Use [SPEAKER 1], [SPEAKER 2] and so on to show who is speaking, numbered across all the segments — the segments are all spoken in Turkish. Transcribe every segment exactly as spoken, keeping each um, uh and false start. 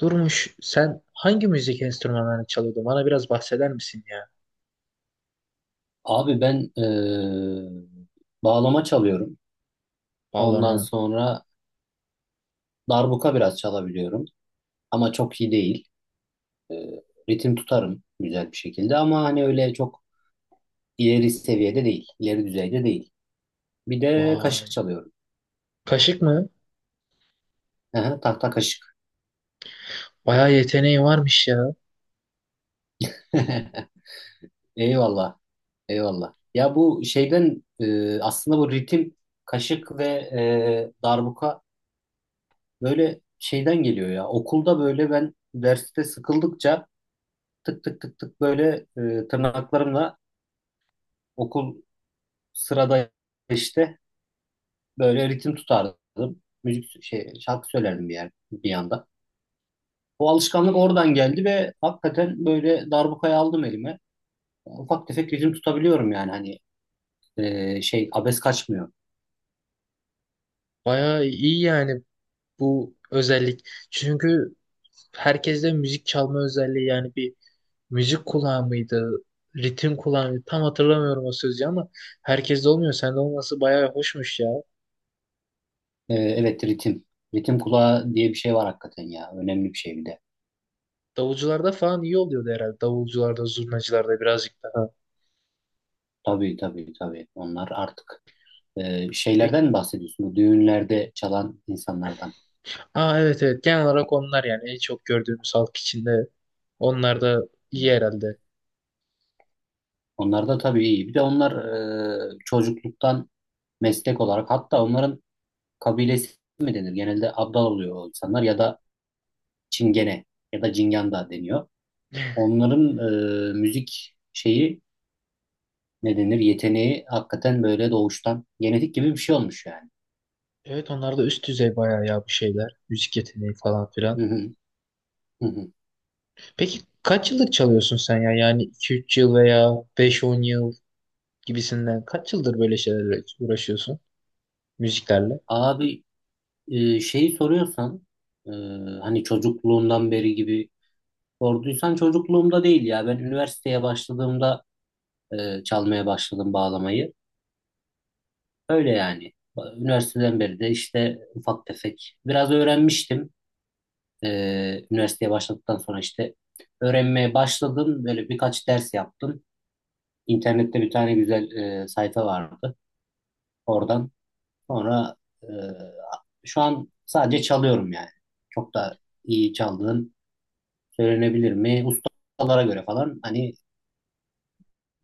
[SPEAKER 1] Durmuş, sen hangi müzik enstrümanlarını çalıyordun? Bana biraz bahseder misin ya?
[SPEAKER 2] Abi ben e, bağlama çalıyorum. Ondan
[SPEAKER 1] Bağlama.
[SPEAKER 2] sonra darbuka biraz çalabiliyorum. Ama çok iyi değil. E, ritim tutarım güzel bir şekilde ama hani öyle çok ileri seviyede değil. İleri düzeyde değil. Bir de kaşık
[SPEAKER 1] Vay.
[SPEAKER 2] çalıyorum.
[SPEAKER 1] Kaşık mı?
[SPEAKER 2] Aha, tahta kaşık.
[SPEAKER 1] Bayağı yeteneği varmış ya.
[SPEAKER 2] Eyvallah. Eyvallah. Ya bu şeyden e, aslında bu ritim kaşık ve e, darbuka böyle şeyden geliyor ya. Okulda böyle ben derste sıkıldıkça tık tık tık tık böyle e, tırnaklarımla okul sırada işte böyle ritim tutardım. Müzik şey şarkı söylerdim bir yer bir yanda. Bu alışkanlık oradan geldi ve hakikaten böyle darbukayı aldım elime. Ufak tefek ritim tutabiliyorum yani hani e, şey abes kaçmıyor.
[SPEAKER 1] Bayağı iyi yani bu özellik. Çünkü herkeste müzik çalma özelliği yani bir müzik kulağı mıydı? Ritim kulağı mıydı? Tam hatırlamıyorum o sözü ama herkeste olmuyor. Sende olması bayağı hoşmuş ya.
[SPEAKER 2] E, evet ritim. Ritim kulağı diye bir şey var hakikaten ya. Önemli bir şey bir de.
[SPEAKER 1] Davulcularda falan iyi oluyordu herhalde. Davulcularda, zurnacılarda birazcık daha.
[SPEAKER 2] Tabii tabii tabii. Onlar artık e, şeylerden
[SPEAKER 1] Peki.
[SPEAKER 2] mi bahsediyorsun? Bu düğünlerde çalan insanlardan.
[SPEAKER 1] Aa, evet evet, genel olarak onlar yani en çok gördüğümüz halk içinde. Onlar da iyi
[SPEAKER 2] Hmm.
[SPEAKER 1] herhalde.
[SPEAKER 2] Onlar da tabii iyi. Bir de onlar e, çocukluktan meslek olarak hatta onların kabilesi mi denir? Genelde abdal oluyor o insanlar ya da çingene ya da cingan da deniyor. Onların e, müzik şeyi ne denir? Yeteneği hakikaten böyle doğuştan genetik gibi bir şey olmuş yani.
[SPEAKER 1] Evet, onlar da üst düzey bayağı ya bu şeyler. Müzik yeteneği falan filan.
[SPEAKER 2] Hı hı, hı hı.
[SPEAKER 1] Peki kaç yıllık çalıyorsun sen ya? Yani iki üç yıl veya beş on yıl gibisinden kaç yıldır böyle şeylerle uğraşıyorsun? Müziklerle.
[SPEAKER 2] Abi e, şeyi soruyorsan e, hani çocukluğundan beri gibi sorduysan çocukluğumda değil ya. Ben üniversiteye başladığımda e, çalmaya başladım bağlamayı. Öyle yani. Üniversiteden beri de işte ufak tefek biraz öğrenmiştim. Ee, üniversiteye başladıktan sonra işte öğrenmeye başladım. Böyle birkaç ders yaptım. İnternette bir tane güzel e, sayfa vardı. Oradan sonra e, şu an sadece çalıyorum yani. Çok da iyi çaldığım söylenebilir mi? Ustalara göre falan hani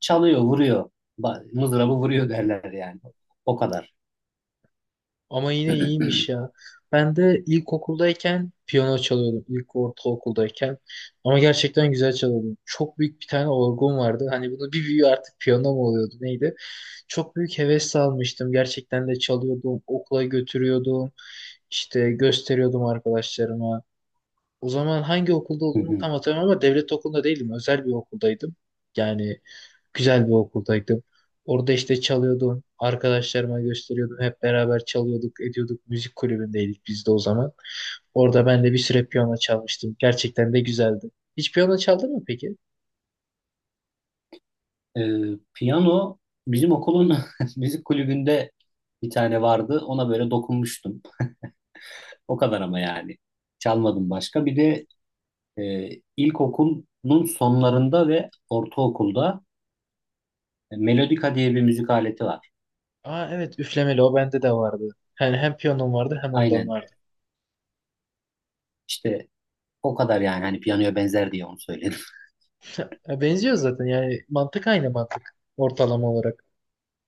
[SPEAKER 2] çalıyor, vuruyor. Ba- Mızrabı vuruyor derler yani. O kadar.
[SPEAKER 1] Ama yine iyiymiş ya. Ben de ilkokuldayken piyano çalıyordum. İlk ortaokuldayken. Ama gerçekten güzel çalıyordum. Çok büyük bir tane orgum vardı. Hani bunu bir büyüğü artık piyano mu oluyordu neydi? Çok büyük heves almıştım. Gerçekten de çalıyordum. Okula götürüyordum. İşte gösteriyordum arkadaşlarıma. O zaman hangi okulda olduğumu tam hatırlamıyorum ama devlet okulunda değildim. Özel bir okuldaydım. Yani güzel bir okuldaydım. Orada işte çalıyordum. Arkadaşlarıma gösteriyordum. Hep beraber çalıyorduk, ediyorduk. Müzik kulübündeydik biz de o zaman. Orada ben de bir süre piyano çalmıştım. Gerçekten de güzeldi. Hiç piyano çaldın mı peki?
[SPEAKER 2] Ee, piyano bizim okulun müzik kulübünde bir tane vardı. Ona böyle dokunmuştum. O kadar ama yani. Çalmadım başka. Bir de e, ilkokulun sonlarında ve ortaokulda e, melodika diye bir müzik aleti var.
[SPEAKER 1] Aa, evet, üflemeli, o bende de vardı. Yani hem piyanom vardı hem ondan
[SPEAKER 2] Aynen.
[SPEAKER 1] vardı.
[SPEAKER 2] İşte o kadar yani. Hani piyanoya benzer diye onu söyledim.
[SPEAKER 1] Ya benziyor zaten, yani mantık aynı mantık ortalama olarak.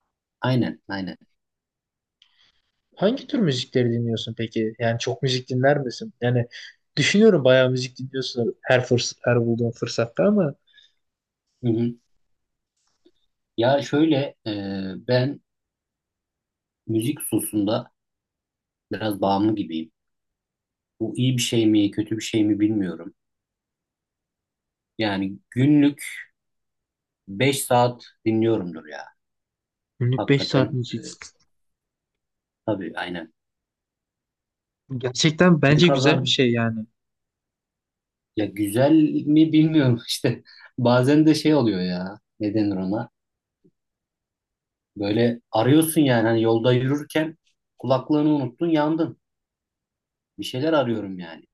[SPEAKER 2] Aynen, aynen.
[SPEAKER 1] Hangi tür müzikleri dinliyorsun peki? Yani çok müzik dinler misin? Yani düşünüyorum bayağı müzik dinliyorsun her fırs her bulduğun fırsatta ama
[SPEAKER 2] Hı hı. Ya şöyle e, ben müzik hususunda biraz bağımlı gibiyim. Bu iyi bir şey mi, kötü bir şey mi bilmiyorum. Yani günlük beş saat dinliyorumdur ya.
[SPEAKER 1] günlük beş
[SPEAKER 2] Hakikaten
[SPEAKER 1] saat
[SPEAKER 2] e,
[SPEAKER 1] müzik.
[SPEAKER 2] tabii aynen.
[SPEAKER 1] Gerçekten
[SPEAKER 2] Ne
[SPEAKER 1] bence güzel
[SPEAKER 2] kadar
[SPEAKER 1] bir şey yani.
[SPEAKER 2] ya güzel mi bilmiyorum işte. Bazen de şey oluyor ya. Ne denir ona? Böyle arıyorsun yani hani yolda yürürken kulaklığını unuttun yandın. Bir şeyler arıyorum yani.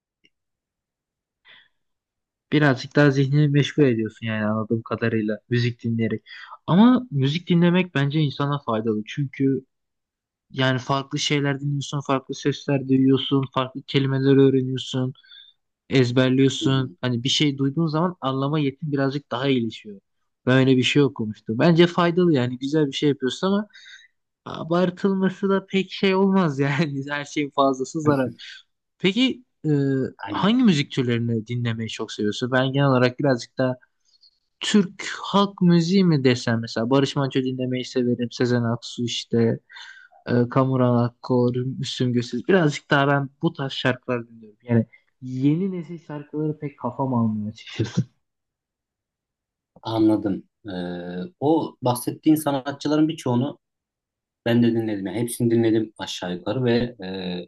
[SPEAKER 1] Birazcık daha zihnini meşgul ediyorsun yani anladığım kadarıyla müzik dinleyerek. Ama müzik dinlemek bence insana faydalı. Çünkü yani farklı şeyler dinliyorsun, farklı sesler duyuyorsun, farklı kelimeler öğreniyorsun,
[SPEAKER 2] Hı
[SPEAKER 1] ezberliyorsun.
[SPEAKER 2] hı.
[SPEAKER 1] Hani bir şey duyduğun zaman anlama yetin birazcık daha iyileşiyor. Ben öyle bir şey okumuştum. Bence faydalı, yani güzel bir şey yapıyorsun ama abartılması da pek şey olmaz yani. Her şeyin fazlası zarar. Peki e,
[SPEAKER 2] Aynen.
[SPEAKER 1] hangi müzik türlerini dinlemeyi çok seviyorsun? Ben genel olarak birazcık daha Türk halk müziği mi desem, mesela Barış Manço dinlemeyi severim. Sezen Aksu, işte e, Kamuran Akkor, Müslüm Gürses. Birazcık daha ben bu tarz şarkılar dinliyorum. Yani yeni nesil şarkıları pek kafam almıyor açıkçası.
[SPEAKER 2] Anladım. Ee, o bahsettiğin sanatçıların birçoğunu ben de dinledim. Yani hepsini dinledim aşağı yukarı ve e,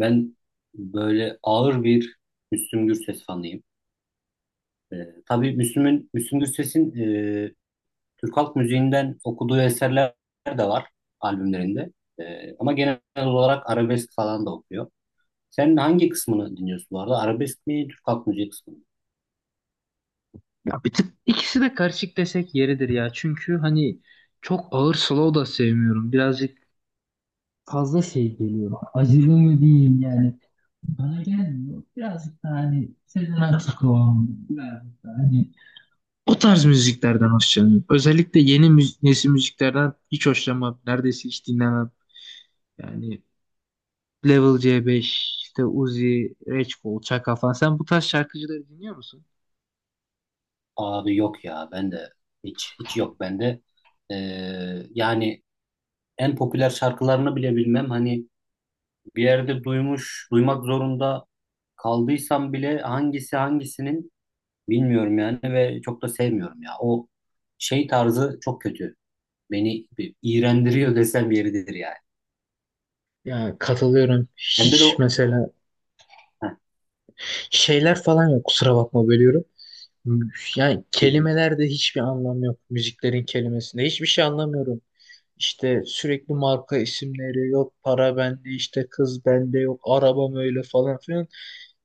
[SPEAKER 2] ben böyle ağır bir Müslüm Gürses fanıyım. E, tabii Müslüm'ün, Müslüm Gürses'in e, Türk halk müziğinden okuduğu eserler de var albümlerinde. E, ama genel olarak arabesk falan da okuyor. Sen hangi kısmını dinliyorsun bu arada? Arabesk mi, Türk halk müziği kısmı mı?
[SPEAKER 1] Ya bir tık ikisi de karışık desek yeridir ya. Çünkü hani çok ağır slow da sevmiyorum. Birazcık fazla şey geliyor. Acılı mı diyeyim yani. Bana gelmiyor. Birazcık daha hani Sezen Aksu, birazcık daha hani o tarz müziklerden hoşlanıyorum. Özellikle yeni müzi nesil müziklerden hiç hoşlanmam. Neredeyse hiç dinlemem. Yani Level C beş, işte Uzi, Reçkol, Çaka falan. Sen bu tarz şarkıcıları dinliyor musun?
[SPEAKER 2] Abi yok ya, ben de hiç hiç yok bende. E, yani en popüler şarkılarını bile bilmem. Hani bir yerde duymuş, duymak zorunda kaldıysam bile hangisi hangisinin bilmiyorum yani ve çok da sevmiyorum ya. O şey tarzı çok kötü. Beni bir iğrendiriyor desem yeridir yani.
[SPEAKER 1] Ya katılıyorum.
[SPEAKER 2] Bende de
[SPEAKER 1] Hiç
[SPEAKER 2] o...
[SPEAKER 1] mesela
[SPEAKER 2] Heh,
[SPEAKER 1] şeyler falan yok. Kusura bakma, bölüyorum. Yani
[SPEAKER 2] hı hı,
[SPEAKER 1] kelimelerde hiçbir anlam yok. Müziklerin kelimesinde hiçbir şey anlamıyorum. İşte sürekli marka isimleri, yok para bende, işte kız bende, yok arabam öyle falan filan.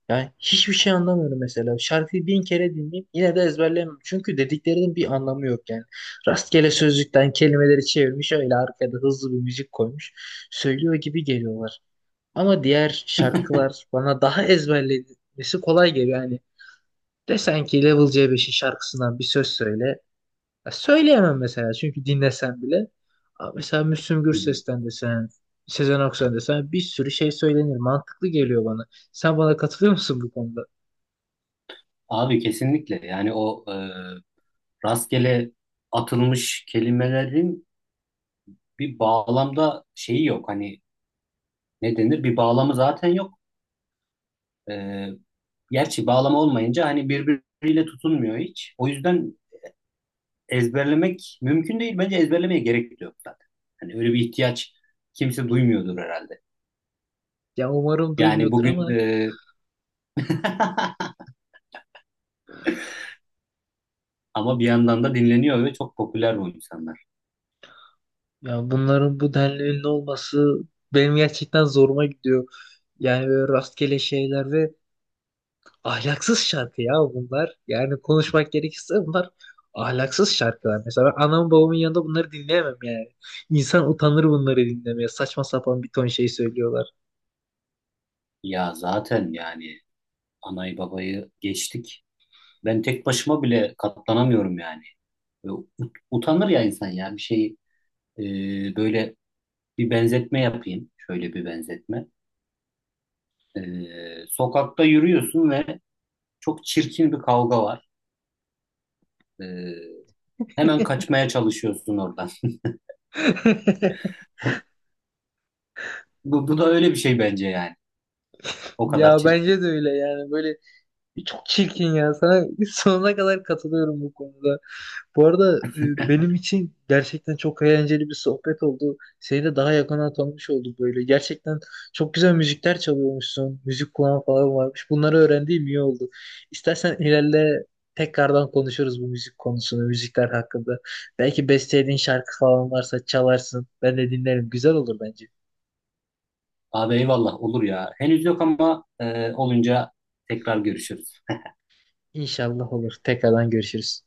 [SPEAKER 1] Yani hiçbir şey anlamıyorum mesela. Şarkıyı bin kere dinleyeyim yine de ezberleyemem. Çünkü dediklerinin bir anlamı yok yani. Rastgele sözlükten kelimeleri çevirmiş, öyle arkada hızlı bir müzik koymuş. Söylüyor gibi geliyorlar. Ama diğer şarkılar bana daha ezberlemesi kolay geliyor. Yani desen ki Level C beşin şarkısından bir söz söyle. Ya söyleyemem mesela, çünkü dinlesen bile. Aa, mesela Müslüm
[SPEAKER 2] hı hı.
[SPEAKER 1] Gürses'ten desen, Sezen Aksu'dan desen bir sürü şey söylenir. Mantıklı geliyor bana. Sen bana katılıyor musun bu konuda?
[SPEAKER 2] Abi kesinlikle yani o e, rastgele atılmış kelimelerin bir bağlamda şeyi yok. Hani ne denir? Bir bağlamı zaten yok. E, gerçi bağlama olmayınca hani birbiriyle tutunmuyor hiç. O yüzden ezberlemek mümkün değil. Bence ezberlemeye gerek de yok zaten. Hani öyle bir ihtiyaç kimse duymuyordur herhalde.
[SPEAKER 1] Ya umarım
[SPEAKER 2] Yani
[SPEAKER 1] duymuyordur
[SPEAKER 2] bugün
[SPEAKER 1] ama
[SPEAKER 2] e, ama bir yandan da dinleniyor ve çok popüler bu insanlar.
[SPEAKER 1] ya bunların bu denli ünlü olması benim gerçekten zoruma gidiyor. Yani böyle rastgele şeyler ve ahlaksız şarkı ya bunlar. Yani konuşmak gerekirse bunlar ahlaksız şarkılar. Mesela ben anamın babamın yanında bunları dinleyemem yani. İnsan utanır bunları dinlemeye. Saçma sapan bir ton şey söylüyorlar.
[SPEAKER 2] Ya zaten yani anayı babayı geçtik. Ben tek başıma bile katlanamıyorum yani. Ve ut- utanır ya insan ya bir şey e, böyle bir benzetme yapayım. Şöyle bir benzetme. E, sokakta yürüyorsun ve çok çirkin bir kavga var. E, hemen kaçmaya çalışıyorsun oradan. Bu, bu da öyle bir şey bence yani. O kadar
[SPEAKER 1] Ya
[SPEAKER 2] çirkin.
[SPEAKER 1] bence de öyle yani, böyle çok çirkin ya sana sonuna kadar katılıyorum bu konuda. Bu arada e, benim için gerçekten çok eğlenceli bir sohbet oldu. Seni de daha yakından tanımış olduk böyle. Gerçekten çok güzel müzikler çalıyormuşsun. Müzik kulağın falan varmış. Bunları öğrendiğim iyi oldu. İstersen ilerle tekrardan konuşuruz bu müzik konusunu, müzikler hakkında. Belki bestelediğin şarkı falan varsa çalarsın. Ben de dinlerim. Güzel olur bence.
[SPEAKER 2] Abi eyvallah olur ya. Henüz yok ama e, olunca tekrar görüşürüz.
[SPEAKER 1] İnşallah olur. Tekrardan görüşürüz.